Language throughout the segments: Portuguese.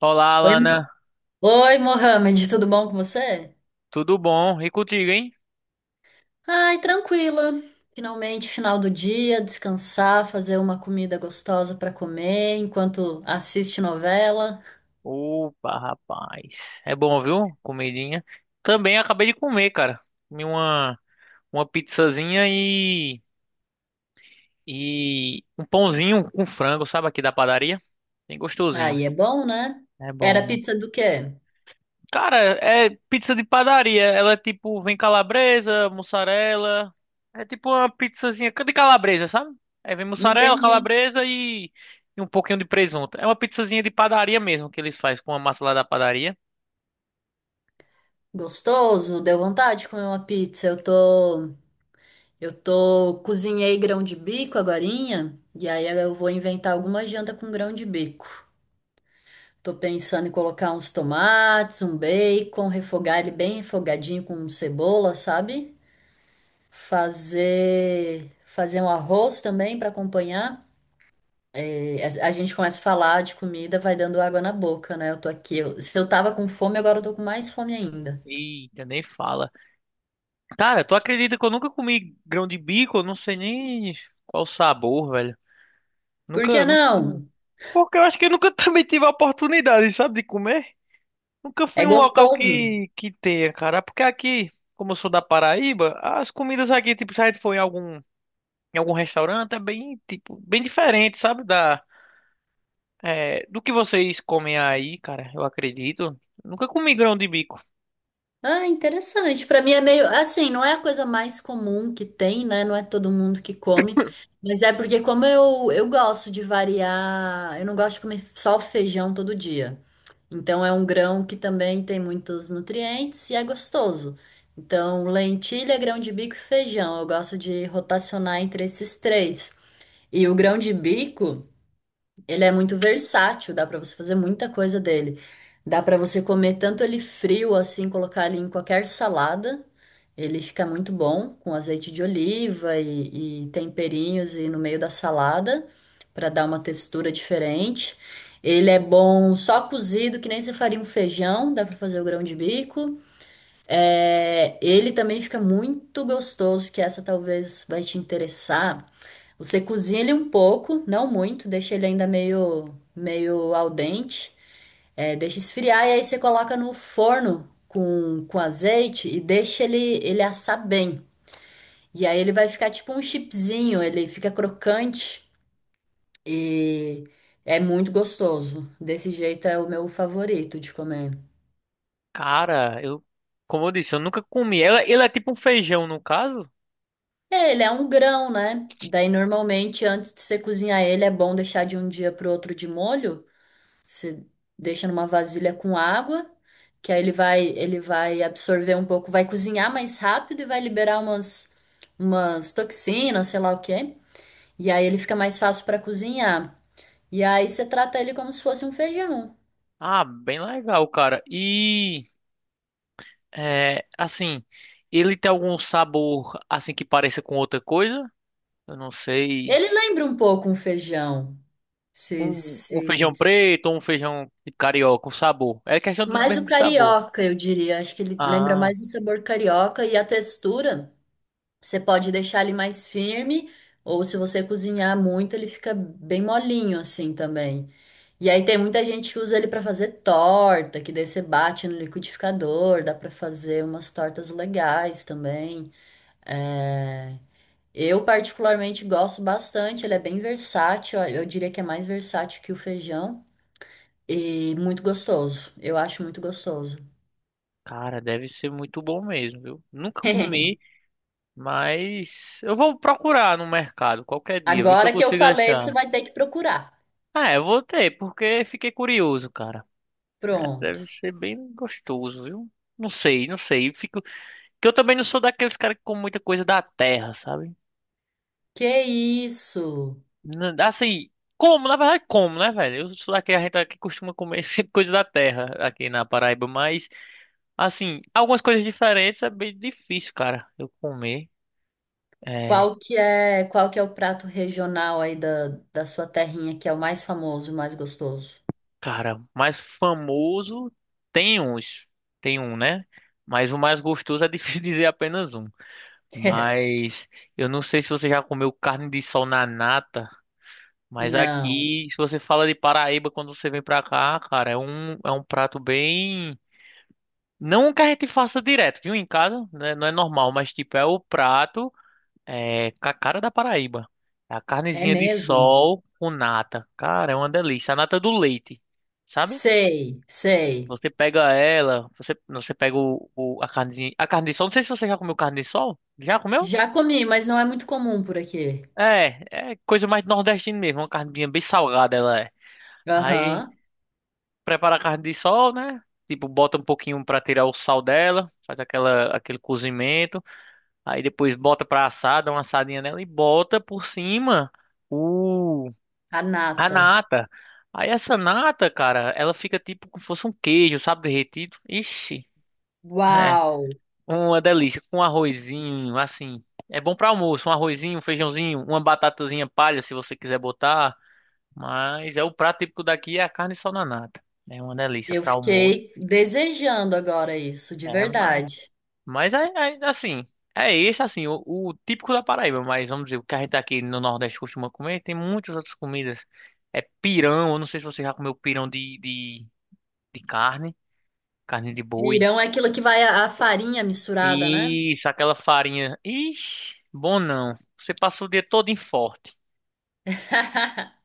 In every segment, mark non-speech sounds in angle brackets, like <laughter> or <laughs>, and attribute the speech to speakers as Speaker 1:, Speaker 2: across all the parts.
Speaker 1: Olá,
Speaker 2: Oi,
Speaker 1: Alana.
Speaker 2: Oi, Mohamed, tudo bom com você?
Speaker 1: Tudo bom? E contigo, hein?
Speaker 2: Ai, tranquila. Finalmente, final do dia, descansar, fazer uma comida gostosa para comer enquanto assiste novela.
Speaker 1: Opa, rapaz. É bom, viu? Comidinha. Também acabei de comer, cara. Comi uma pizzazinha e um pãozinho com frango, sabe, aqui da padaria. Bem gostosinho.
Speaker 2: Aí é bom, né?
Speaker 1: É
Speaker 2: Era
Speaker 1: bom.
Speaker 2: pizza do quê?
Speaker 1: Cara, é pizza de padaria. Ela é tipo, vem calabresa, mussarela. É tipo uma pizzazinha de calabresa, sabe? Aí vem mussarela,
Speaker 2: Entendi.
Speaker 1: calabresa e um pouquinho de presunto. É uma pizzazinha de padaria mesmo que eles fazem com a massa lá da padaria.
Speaker 2: Gostoso, deu vontade de comer uma pizza. Eu tô, cozinhei grão de bico agorinha, e aí eu vou inventar alguma janta com grão de bico. Tô pensando em colocar uns tomates, um bacon, refogar ele bem refogadinho com cebola, sabe? Fazer um arroz também para acompanhar. E a gente começa a falar de comida, vai dando água na boca, né? Eu tô aqui, se eu tava com fome, agora eu tô com mais fome ainda.
Speaker 1: Eita, nem fala. Cara, tu acredita que eu nunca comi grão de bico? Eu não sei nem qual o sabor, velho.
Speaker 2: Por
Speaker 1: Nunca,
Speaker 2: que
Speaker 1: nunca comi.
Speaker 2: não?
Speaker 1: Porque eu acho que eu nunca <laughs> também tive a oportunidade, sabe, de comer. Nunca
Speaker 2: É
Speaker 1: fui em um local
Speaker 2: gostoso.
Speaker 1: que tenha, cara. Porque aqui, como eu sou da Paraíba, as comidas aqui, tipo, se a gente for em algum restaurante, é bem, tipo, bem diferente, sabe? Do que vocês comem aí, cara, eu acredito. Nunca comi grão de bico.
Speaker 2: Ah, interessante. Para mim é meio assim, não é a coisa mais comum que tem, né? Não é todo mundo que come, mas é porque como eu gosto de variar, eu não gosto de comer só o feijão todo dia. Então é um grão que também tem muitos nutrientes e é gostoso. Então, lentilha, grão de bico e feijão, eu gosto de rotacionar entre esses três. E o grão de bico ele é muito versátil, dá pra você fazer muita coisa dele. Dá pra você comer tanto ele frio assim, colocar ele em qualquer salada. Ele fica muito bom com azeite de oliva e temperinhos e no meio da salada pra dar uma textura diferente. Ele é bom só cozido, que nem você faria um feijão, dá pra fazer o grão de bico. É, ele também fica muito gostoso, que essa talvez vai te interessar. Você cozinha ele um pouco, não muito, deixa ele ainda meio al dente, deixa esfriar e aí você coloca no forno com azeite e deixa ele, ele assar bem. E aí ele vai ficar tipo um chipzinho, ele fica crocante e é muito gostoso. Desse jeito é o meu favorito de comer.
Speaker 1: Cara, como eu disse, eu nunca comi. Ele é tipo um feijão, no caso.
Speaker 2: É, ele é um grão, né? Daí normalmente antes de você cozinhar ele é bom deixar de um dia pro outro de molho. Você deixa numa vasilha com água, que aí ele vai absorver um pouco, vai cozinhar mais rápido e vai liberar umas toxinas, sei lá o quê. E aí ele fica mais fácil para cozinhar. E aí você trata ele como se fosse um feijão.
Speaker 1: Ah, bem legal, cara. Assim, ele tem algum sabor, assim, que pareça com outra coisa? Eu não sei.
Speaker 2: Ele lembra um pouco um feijão. Se,
Speaker 1: Um
Speaker 2: se...
Speaker 1: feijão preto ou um feijão de carioca, com sabor. É questão do
Speaker 2: Mais
Speaker 1: mesmo
Speaker 2: o
Speaker 1: de sabor.
Speaker 2: carioca, eu diria. Acho que ele lembra
Speaker 1: Ah,
Speaker 2: mais o sabor carioca e a textura. Você pode deixar ele mais firme, ou se você cozinhar muito, ele fica bem molinho assim também. E aí tem muita gente que usa ele para fazer torta, que daí você bate no liquidificador, dá para fazer umas tortas legais também. É, Eu particularmente gosto bastante, ele é bem versátil, eu diria que é mais versátil que o feijão e muito gostoso. Eu acho muito gostoso.
Speaker 1: cara, deve ser muito bom mesmo, viu? Nunca comi,
Speaker 2: <laughs>
Speaker 1: mas eu vou procurar no mercado qualquer dia, ver se eu
Speaker 2: Agora que eu
Speaker 1: consigo
Speaker 2: falei, você
Speaker 1: achar.
Speaker 2: vai ter que procurar.
Speaker 1: Ah, eu vou ter, porque fiquei curioso, cara. É,
Speaker 2: Pronto.
Speaker 1: deve ser bem gostoso, viu? Não sei, não sei. Fico... Que eu também não sou daqueles caras que comem muita coisa da terra, sabe?
Speaker 2: Que isso?
Speaker 1: Assim, como, na verdade, como, né, velho? Eu sou daqui, a gente aqui costuma comer <laughs> sempre coisa da terra aqui na Paraíba, mas, assim, algumas coisas diferentes é bem difícil, cara, eu comer. É,
Speaker 2: Qual que é o prato regional aí da sua terrinha que é o mais famoso, o mais gostoso?
Speaker 1: cara, mais famoso tem uns, tem um, né? Mas o mais gostoso é difícil <laughs> dizer apenas um.
Speaker 2: <laughs>
Speaker 1: Mas eu não sei se você já comeu carne de sol na nata, mas
Speaker 2: Não.
Speaker 1: aqui, se você fala de Paraíba quando você vem pra cá, cara, é um prato bem. Não que a gente faça direto, viu? Em casa, né? Não é normal, mas tipo, é o prato com a cara da Paraíba. É a
Speaker 2: É
Speaker 1: carnezinha de
Speaker 2: mesmo?
Speaker 1: sol com nata. Cara, é uma delícia. A nata do leite, sabe?
Speaker 2: Sei, sei.
Speaker 1: Você pega ela, você pega a carnezinha. A carne de sol, não sei se você já comeu carne de sol. Já comeu?
Speaker 2: Já comi, mas não é muito comum por aqui.
Speaker 1: É coisa mais nordestina mesmo. Uma carninha bem salgada ela é. Aí
Speaker 2: Aham.
Speaker 1: prepara a carne de sol, né? Tipo, bota um pouquinho pra tirar o sal dela, faz aquela, aquele cozimento. Aí depois bota pra assar, dá uma assadinha nela e bota por cima o
Speaker 2: A
Speaker 1: a
Speaker 2: nata.
Speaker 1: nata. Aí essa nata, cara, ela fica tipo como se fosse um queijo, sabe, derretido. Ixi, é
Speaker 2: Uau!
Speaker 1: uma delícia com um arrozinho, assim. É bom pra almoço, um arrozinho, um feijãozinho, uma batatazinha palha se você quiser botar, mas é o prato típico daqui é a carne só na nata. É uma delícia
Speaker 2: Eu
Speaker 1: pra almoço.
Speaker 2: fiquei desejando agora isso, de
Speaker 1: É, mas
Speaker 2: verdade.
Speaker 1: Mas é, é assim, o típico da Paraíba, mas vamos dizer, o que a gente aqui no Nordeste costuma comer, tem muitas outras comidas. É pirão, eu não sei se você já comeu pirão de carne, de boi.
Speaker 2: Pirão é aquilo que vai a farinha misturada, né?
Speaker 1: Isso, aquela farinha. Ixi, bom não. Você passa o dia todo em forte.
Speaker 2: <laughs>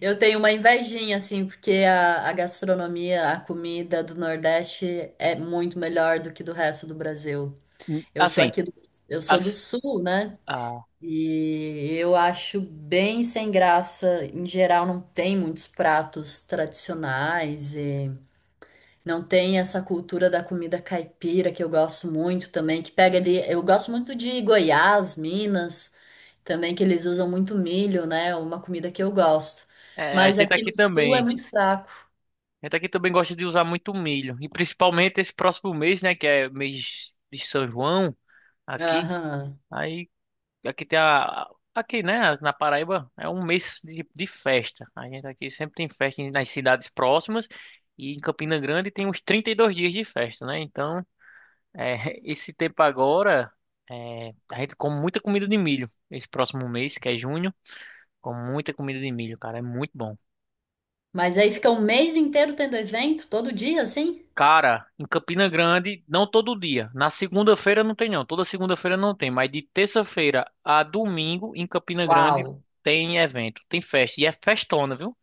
Speaker 2: Eu tenho uma invejinha, assim, porque a gastronomia, a comida do Nordeste é muito melhor do que do resto do Brasil. Eu sou
Speaker 1: Assim,
Speaker 2: aqui do, eu
Speaker 1: a,
Speaker 2: sou do Sul, né?
Speaker 1: a,
Speaker 2: E eu acho bem sem graça. Em geral, não tem muitos pratos tradicionais e não tem essa cultura da comida caipira que eu gosto muito também, que pega ali. Eu gosto muito de Goiás, Minas. Também que eles usam muito milho, né? Uma comida que eu gosto.
Speaker 1: a
Speaker 2: Mas
Speaker 1: gente
Speaker 2: aqui
Speaker 1: aqui
Speaker 2: no sul é
Speaker 1: também.
Speaker 2: muito fraco.
Speaker 1: A gente aqui também gosta de usar muito milho. E principalmente esse próximo mês, né? Que é mês de São João aqui.
Speaker 2: Aham.
Speaker 1: Aí Aqui tem a. Aqui, né, na Paraíba, é um mês de festa. A gente aqui sempre tem festa nas cidades próximas. E em Campina Grande tem uns 32 dias de festa, né? Então, é, <laughs> esse tempo agora, a gente come muita comida de milho. Esse próximo mês, que é junho, come muita comida de milho, cara. É muito bom.
Speaker 2: Mas aí fica um mês inteiro tendo evento, todo dia, assim?
Speaker 1: Cara, em Campina Grande, não todo dia. Na segunda-feira não tem, não. Toda segunda-feira não tem. Mas de terça-feira a domingo, em Campina
Speaker 2: Uau!
Speaker 1: Grande, tem evento, tem festa. E é festona, viu?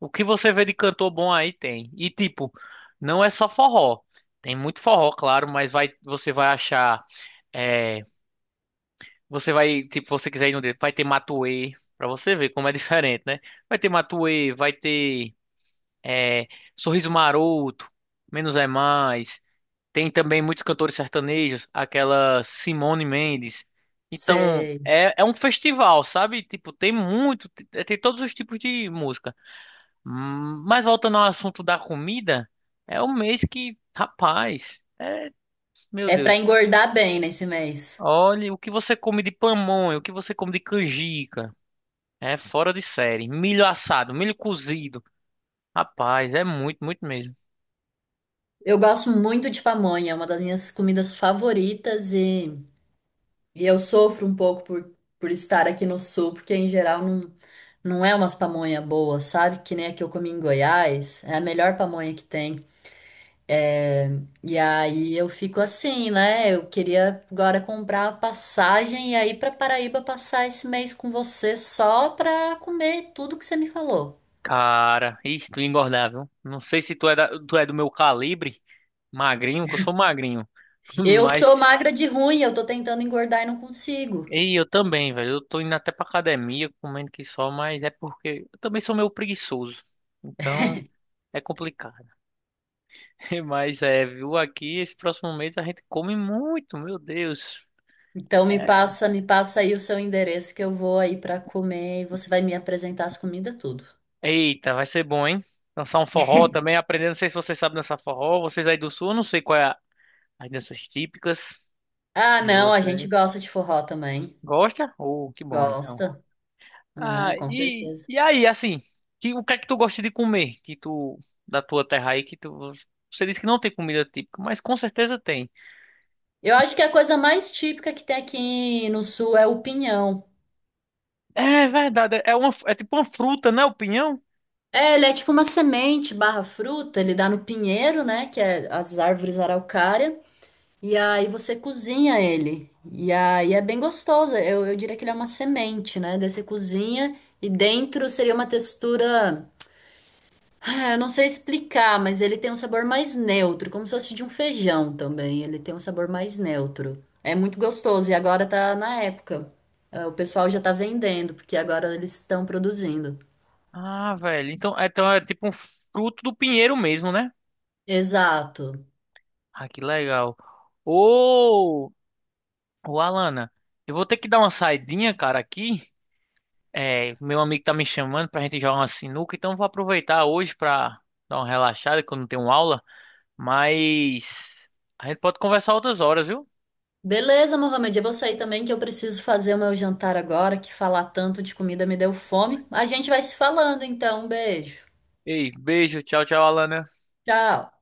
Speaker 1: O que você vê de cantor bom aí tem. E tipo, não é só forró. Tem muito forró, claro, mas vai, você vai achar, é, tipo, você quiser ir no dedo, vai ter Matuê, pra você ver como é <laughs> diferente, né? Vai ter Matuê, vai ter, é, Sorriso Maroto, Menos é Mais. Tem também muitos cantores sertanejos, aquela Simone Mendes. Então,
Speaker 2: Sei.
Speaker 1: é um festival, sabe? Tipo, tem todos os tipos de música. Mas voltando ao assunto da comida, é um mês que, rapaz, meu
Speaker 2: É pra
Speaker 1: Deus.
Speaker 2: engordar bem nesse mês.
Speaker 1: Olha o que você come de pamonha, o que você come de canjica. É fora de série. Milho assado, milho cozido. Rapaz, é muito, muito mesmo.
Speaker 2: Eu gosto muito de pamonha, é uma das minhas comidas favoritas e eu sofro um pouco por estar aqui no sul, porque em geral não, não é umas pamonha boas, sabe? Que nem a que eu comi em Goiás, é a melhor pamonha que tem. É, e aí eu fico assim, né? Eu queria agora comprar a passagem e aí para Paraíba passar esse mês com você só pra comer tudo que você me falou.
Speaker 1: Cara, isso, tu ia engordar, viu? Não sei se tu é do meu calibre, magrinho, que eu sou magrinho. <laughs>
Speaker 2: Eu
Speaker 1: Mas,
Speaker 2: sou magra de ruim, eu tô tentando engordar e não consigo.
Speaker 1: e eu também, velho. Eu tô indo até pra academia, comendo que só, mas é porque eu também sou meio preguiçoso. Então, é complicado. <laughs> Mas é, viu aqui, esse próximo mês a gente come muito, meu Deus.
Speaker 2: Então
Speaker 1: É,
Speaker 2: me passa aí o seu endereço que eu vou aí pra comer e você vai me apresentar as comidas tudo.
Speaker 1: Eita, vai ser bom, hein? Dançar um forró também, aprender. Não sei se você sabe dançar forró. Vocês aí do sul, eu não sei qual é as danças típicas
Speaker 2: Ah,
Speaker 1: de
Speaker 2: não, a gente
Speaker 1: você.
Speaker 2: gosta de forró também.
Speaker 1: Gosta? Oh, que bom, então.
Speaker 2: Gosta?
Speaker 1: Ah,
Speaker 2: Ah, com
Speaker 1: e,
Speaker 2: certeza.
Speaker 1: e aí, assim, o que é que tu gosta de comer? Que tu, da tua terra aí, que tu, você disse que não tem comida típica, mas com certeza tem.
Speaker 2: Eu acho que a coisa mais típica que tem aqui no sul é o pinhão.
Speaker 1: É verdade, é tipo uma fruta, né? O pinhão?
Speaker 2: É, ele é tipo uma semente barra fruta, ele dá no pinheiro, né? Que é as árvores araucária. E aí você cozinha ele. E aí é bem gostoso. Eu diria que ele é uma semente, né? Daí você cozinha e dentro seria uma textura. Ah, eu não sei explicar, mas ele tem um sabor mais neutro, como se fosse de um feijão também. Ele tem um sabor mais neutro. É muito gostoso e agora tá na época. Ah, o pessoal já tá vendendo, porque agora eles estão produzindo.
Speaker 1: Ah, velho. Então é tipo um fruto do pinheiro mesmo, né?
Speaker 2: Exato.
Speaker 1: Ah, que legal. Ô, ô, Alana, eu vou ter que dar uma saidinha, cara, aqui. É, meu amigo tá me chamando pra gente jogar uma sinuca, então eu vou aproveitar hoje pra dar uma relaxada, que eu não tenho aula. Mas a gente pode conversar outras horas, viu?
Speaker 2: Beleza, Mohamed, eu vou sair também que eu preciso fazer o meu jantar agora, que falar tanto de comida me deu fome. A gente vai se falando então, um beijo.
Speaker 1: Ei, beijo. Tchau, tchau, Alana.
Speaker 2: Tchau.